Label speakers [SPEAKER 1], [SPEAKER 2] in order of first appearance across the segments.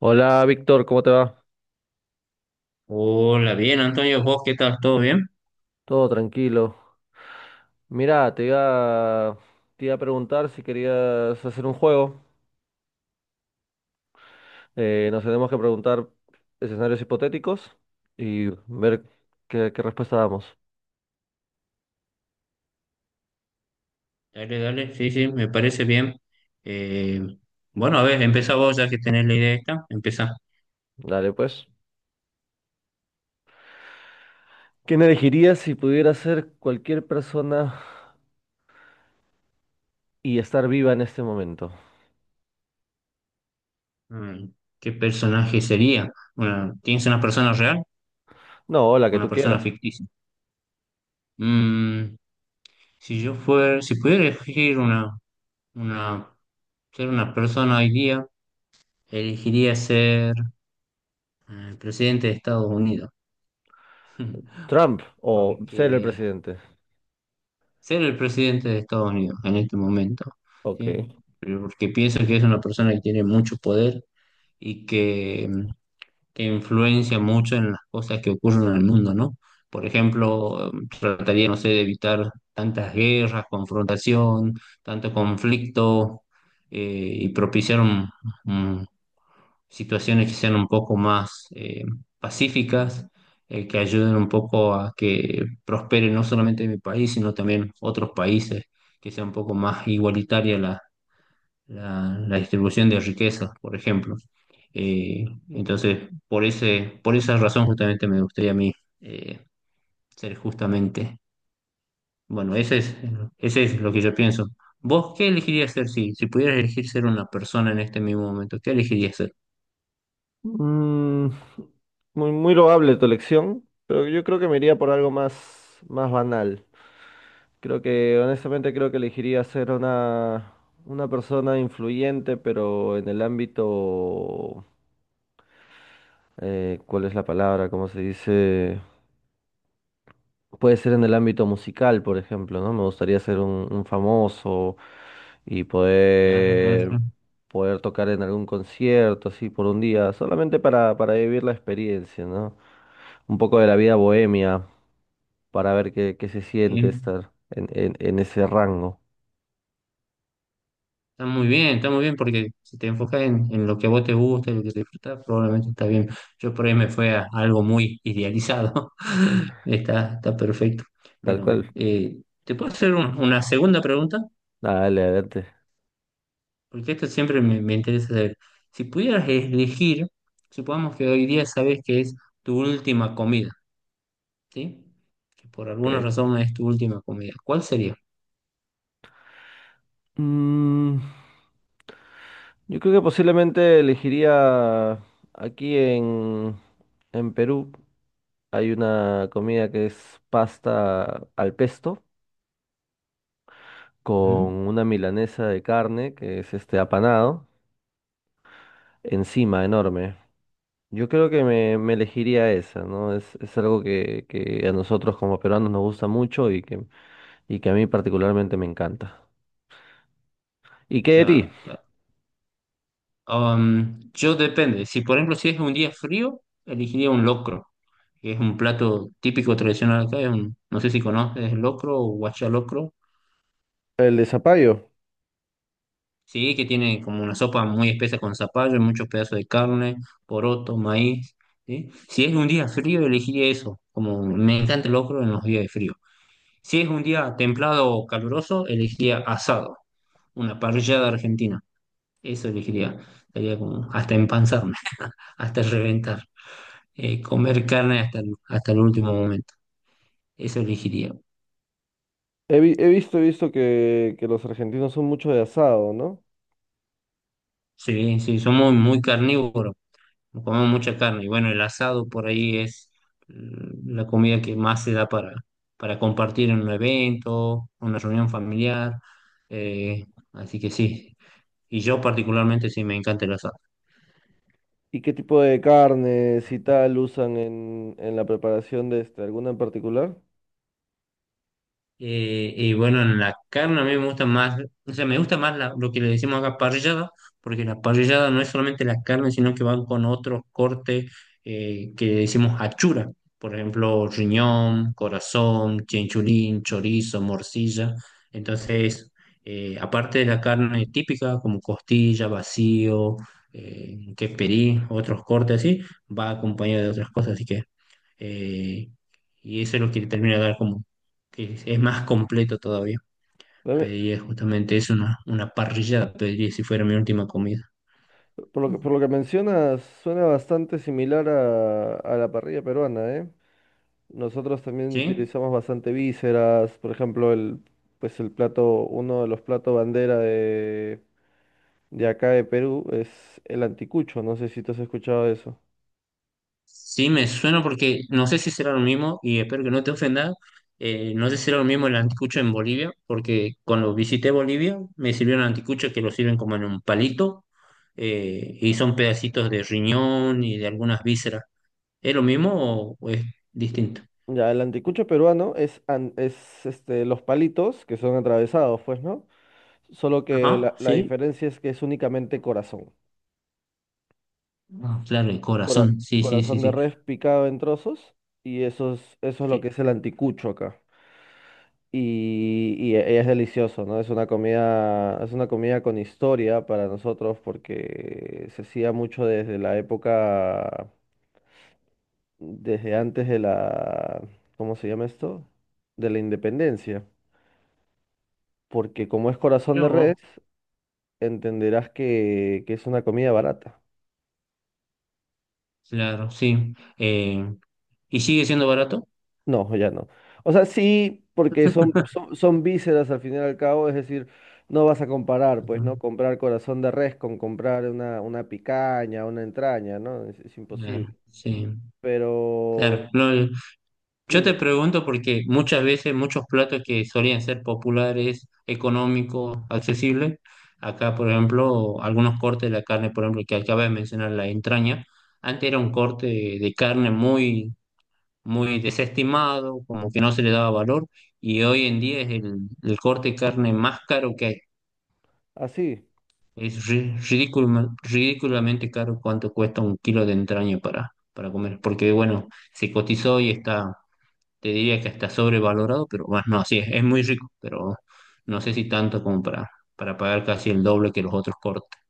[SPEAKER 1] Hola Víctor, ¿cómo te va?
[SPEAKER 2] Hola, bien, Antonio, ¿vos qué tal? ¿Todo bien?
[SPEAKER 1] Todo tranquilo. Mira, te iba a preguntar si querías hacer un juego. Nos tenemos que preguntar escenarios hipotéticos y ver qué respuesta damos.
[SPEAKER 2] Dale, dale, sí, sí, me parece bien. Eh, bueno, a ver, empezá vos ya que tenés la idea esta, empezá.
[SPEAKER 1] Dale, pues. ¿Quién elegirías si pudiera ser cualquier persona y estar viva en este momento?
[SPEAKER 2] Mm, ¿Qué personaje sería? Bueno, ¿tienes una persona real
[SPEAKER 1] No, la
[SPEAKER 2] o
[SPEAKER 1] que
[SPEAKER 2] una
[SPEAKER 1] tú quieras.
[SPEAKER 2] persona ficticia? Mm, si pudiera elegir una, ser una persona hoy día, elegiría ser presidente de Estados Unidos.
[SPEAKER 1] ¿Trump o ser el
[SPEAKER 2] Porque
[SPEAKER 1] presidente?
[SPEAKER 2] ser el presidente de Estados Unidos en este momento,
[SPEAKER 1] Ok.
[SPEAKER 2] ¿sí? Pero porque pienso que es una persona que tiene mucho poder y que influencia mucho en las cosas que ocurren en el mundo, ¿no? Por ejemplo, trataría, no sé, de evitar tantas guerras, confrontación, tanto conflicto, eh, y propiciar situaciones que sean un poco más pacíficas, que ayuden un poco a que prospere no solamente mi país, sino también otros países, que sea un poco más igualitaria la, la distribución de riquezas, por ejemplo. Eh, entonces, por esa razón justamente me gustaría a mí eh, ser bueno, ese es lo que yo pienso. ¿Vos qué elegirías ser si pudieras elegir ser una persona en este mismo momento? ¿Qué elegirías ser?
[SPEAKER 1] Mm, Muy loable tu elección, pero yo creo que me iría por algo más, más banal. Creo que, honestamente, creo que elegiría ser una persona influyente, pero en el ámbito, ¿cuál es la palabra? ¿Cómo se dice? Puede ser en el ámbito musical, por ejemplo, ¿no? Me gustaría ser un famoso y
[SPEAKER 2] Claro, claro, claro.
[SPEAKER 1] poder tocar en algún concierto, así, por un día, solamente para vivir la experiencia, ¿no? Un poco de la vida bohemia, para ver qué se siente
[SPEAKER 2] Bien.
[SPEAKER 1] estar en ese rango.
[SPEAKER 2] Está muy bien, está muy bien porque si te enfocas en lo que a vos te gusta, en lo que te disfrutas, probablemente está bien. Yo por ahí me fue a algo muy idealizado. Está, está perfecto.
[SPEAKER 1] Tal cual.
[SPEAKER 2] Bueno, ¿te puedo hacer una segunda pregunta?
[SPEAKER 1] Dale, adelante.
[SPEAKER 2] Porque esto siempre me interesa saber. Si pudieras elegir, supongamos que hoy día sabes que es tu última comida, ¿sí? Que por
[SPEAKER 1] Ok.
[SPEAKER 2] alguna razón es tu última comida. ¿Cuál sería?
[SPEAKER 1] Mm, yo creo que posiblemente elegiría aquí en, en Perú. Hay una comida que es pasta al pesto
[SPEAKER 2] Ujú.
[SPEAKER 1] con una milanesa de carne que es este apanado encima, enorme. Yo creo que me elegiría esa, ¿no? Es algo que a nosotros como peruanos nos gusta mucho y que a mí particularmente me encanta. ¿Y qué de ti?
[SPEAKER 2] Claro, claro. Yo depende. Si por ejemplo si es un día frío, elegiría un locro, que es un plato típico tradicional acá. No sé si conoces el locro o guachalocro.
[SPEAKER 1] El de zapallo.
[SPEAKER 2] Sí, que tiene como una sopa muy espesa con zapallo, muchos pedazos de carne, poroto, maíz. ¿Sí? Si es un día frío, elegiría eso. Como me encanta el locro en los días de frío. Si es un día templado o caluroso, elegiría asado, una parrillada argentina. Eso elegiría. Sería como hasta empanzarme, hasta reventar. Eh, comer carne hasta el último momento. Eso elegiría.
[SPEAKER 1] He visto que los argentinos son mucho de asado, ¿no?
[SPEAKER 2] Sí, sí, somos muy carnívoros, comemos mucha carne. Y bueno, el asado por ahí es la comida que más se da para compartir en un evento, una reunión familiar. eh, Así que sí. Y yo particularmente sí me encanta el asado.
[SPEAKER 1] ¿Y qué tipo de carnes y tal usan en la preparación de este, alguna en particular?
[SPEAKER 2] Y bueno, en la carne a mí me gusta más, o sea, me gusta más lo que le decimos acá parrillada, porque la parrillada no es solamente la carne, sino que van con otros cortes que le decimos achura, por ejemplo, riñón, corazón, chinchulín, chorizo, morcilla. Entonces, aparte de la carne típica, como costilla, vacío, quesperí, otros cortes así, va acompañado de otras cosas, así que eh, y eso es lo que le termina de dar como que es más completo todavía.
[SPEAKER 1] Dame-
[SPEAKER 2] Pediría justamente eso, una parrillada, pediría si fuera mi última comida.
[SPEAKER 1] por lo que, por
[SPEAKER 2] Ujú.
[SPEAKER 1] lo que mencionas, suena bastante similar a la parrilla peruana, ¿eh? Nosotros también
[SPEAKER 2] ¿Sí?
[SPEAKER 1] utilizamos bastante vísceras, por ejemplo, pues el plato, uno de los platos bandera de acá de Perú es el anticucho, no sé si tú has escuchado eso.
[SPEAKER 2] Sí, me suena porque no sé si será lo mismo y espero que no te ofenda. No sé si será lo mismo el anticucho en Bolivia, porque cuando visité Bolivia me sirvieron anticuchos que lo sirven como en un palito, y son pedacitos de riñón y de algunas vísceras. ¿Es lo mismo o es distinto?
[SPEAKER 1] Ya, el anticucho peruano es, es este, los palitos que son atravesados, pues, ¿no? Solo que
[SPEAKER 2] Ajá,
[SPEAKER 1] la
[SPEAKER 2] sí.
[SPEAKER 1] diferencia es que es únicamente corazón.
[SPEAKER 2] Ah, claro, el
[SPEAKER 1] Cora-
[SPEAKER 2] corazón, sí, sí, sí,
[SPEAKER 1] Corazón de
[SPEAKER 2] sí.
[SPEAKER 1] res picado en trozos y eso es lo que
[SPEAKER 2] Sí,
[SPEAKER 1] es el anticucho acá. Y, es delicioso, ¿no? Es una comida con historia para nosotros porque se hacía mucho desde la época, desde antes de la, ¿cómo se llama esto? De la independencia. Porque como es corazón
[SPEAKER 2] mirá
[SPEAKER 1] de
[SPEAKER 2] vos,
[SPEAKER 1] res, entenderás que es una comida barata.
[SPEAKER 2] claro, sí. ¿Y sigue siendo barato?
[SPEAKER 1] No, ya no. O sea, sí, porque son, son vísceras al fin y al cabo, es decir, no vas a comparar, pues,
[SPEAKER 2] Ujú.
[SPEAKER 1] ¿no? Comprar corazón de res con comprar una picaña, una entraña, ¿no? Es
[SPEAKER 2] Claro,
[SPEAKER 1] imposible.
[SPEAKER 2] sí,
[SPEAKER 1] Pero,
[SPEAKER 2] claro. No, yo te
[SPEAKER 1] dime,
[SPEAKER 2] pregunto porque muchas veces muchos platos que solían ser populares, económicos, accesibles, acá, por ejemplo, algunos cortes de la carne, por ejemplo, que acabas de mencionar, la entraña, antes era un corte de carne muy, muy desestimado, como que no se le daba valor, y hoy en día es el corte de carne más caro que hay.
[SPEAKER 1] así.
[SPEAKER 2] Es ridículamente caro cuánto cuesta un kilo de entraña para comer, porque bueno, se cotizó y está, te diría que está sobrevalorado, pero bueno, no, sí, es muy rico, pero no sé si tanto como para pagar casi el doble que los otros cortes.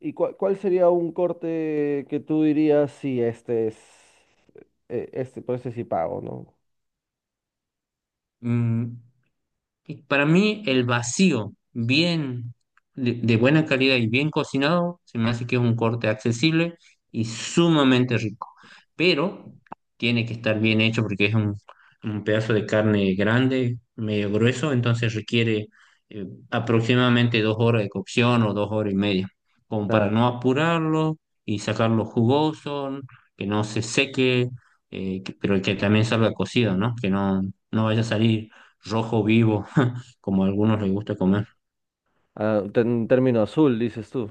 [SPEAKER 1] ¿Y cuál sería un corte que tú dirías si este es, por este sí pago, ¿no?
[SPEAKER 2] Y para mí, el vacío, bien de buena calidad y bien cocinado, se me hace que es un corte accesible y sumamente rico. Pero tiene que estar bien hecho porque es un pedazo de carne grande, medio grueso, entonces requiere aproximadamente dos horas de cocción o dos horas y media, como para
[SPEAKER 1] Claro.
[SPEAKER 2] no apurarlo y sacarlo jugoso, que no se seque, pero que también salga cocido, ¿no? Que no, no vaya a salir rojo vivo como a algunos les gusta comer.
[SPEAKER 1] Ah, en término azul, dices tú.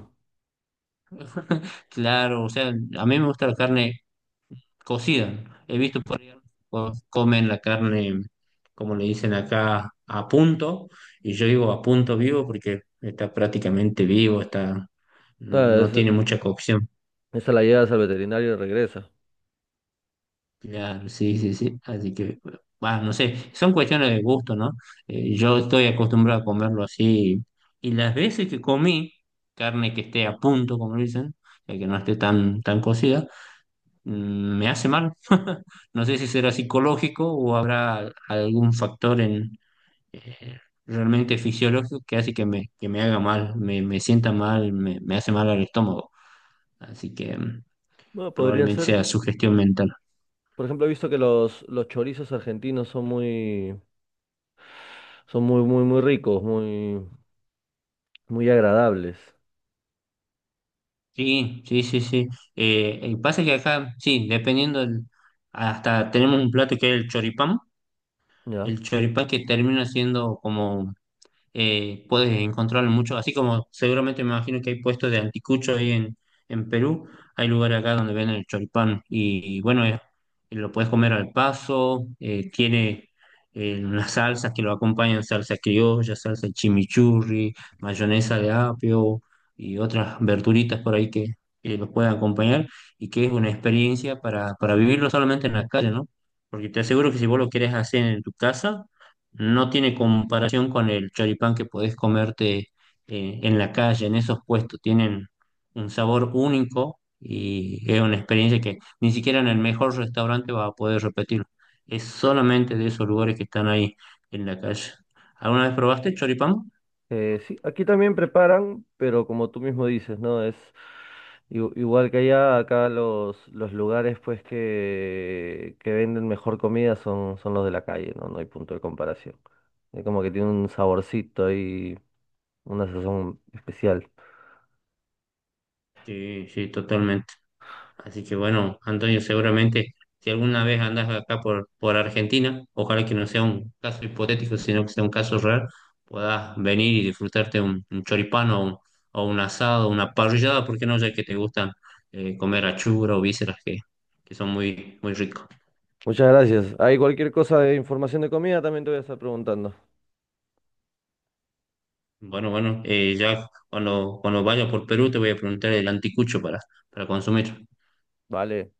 [SPEAKER 2] Claro, o sea, a mí me gusta la carne cocida. He visto por ahí comen la carne, como le dicen acá, a punto, y yo digo a punto vivo porque está prácticamente vivo, está, no, no
[SPEAKER 1] Claro,
[SPEAKER 2] tiene mucha cocción.
[SPEAKER 1] esa la llevas al veterinario y regresa.
[SPEAKER 2] Claro, sí, sí, sí. Así que, bueno, no sé, son cuestiones de gusto, ¿no? Yo estoy acostumbrado a comerlo así, y las veces que comí carne que esté a punto, como dicen, o sea, que no esté tan, tan cocida, me hace mal. No sé si será psicológico o habrá algún factor eh, realmente fisiológico que hace que me haga mal, me sienta mal, me hace mal al estómago. Así que
[SPEAKER 1] Bueno, podría
[SPEAKER 2] probablemente
[SPEAKER 1] ser.
[SPEAKER 2] sea sugestión mental.
[SPEAKER 1] Por ejemplo, he visto que los chorizos argentinos son muy ricos, muy agradables.
[SPEAKER 2] Sí, sí, sí, sí. El pasa que acá, sí, dependiendo, hasta tenemos un plato que es
[SPEAKER 1] ¿Ya?
[SPEAKER 2] el choripán que termina siendo como puedes encontrarlo mucho, así como seguramente me imagino que hay puestos de anticucho ahí en, Perú, hay lugares acá donde venden el choripán y, bueno, lo puedes comer al paso, tiene unas salsas que lo acompañan, salsa criolla, salsa chimichurri, mayonesa de apio y otras verduritas por ahí que los pueden acompañar y que es una experiencia para vivirlo solamente en la calle, ¿no? Porque te aseguro que si vos lo querés hacer en tu casa, no tiene comparación con el choripán que podés comerte en la calle, en esos puestos. Tienen un sabor único y es una experiencia que ni siquiera en el mejor restaurante vas a poder repetirlo. Es solamente de esos lugares que están ahí en la calle. ¿Alguna vez probaste choripán?
[SPEAKER 1] Sí, aquí también preparan, pero como tú mismo dices, ¿no? Es igual que allá, acá los lugares pues que venden mejor comida son, son los de la calle, ¿no? No hay punto de comparación. Es como que tiene un saborcito y una sazón especial.
[SPEAKER 2] Sí, sí, totalmente. Así que bueno, Antonio, seguramente si alguna vez andas acá por, Argentina, ojalá que no sea un caso hipotético, sino que sea un caso real, puedas venir y disfrutarte un, choripano o un asado, una parrillada, ¿porque no? Ya que te gustan comer achura o vísceras que son muy, muy ricos.
[SPEAKER 1] Muchas gracias. Hay cualquier cosa de información de comida, también te voy a estar preguntando.
[SPEAKER 2] Bueno, bueno, ya cuando, vaya por Perú te voy a preguntar el anticucho para consumir.
[SPEAKER 1] Vale.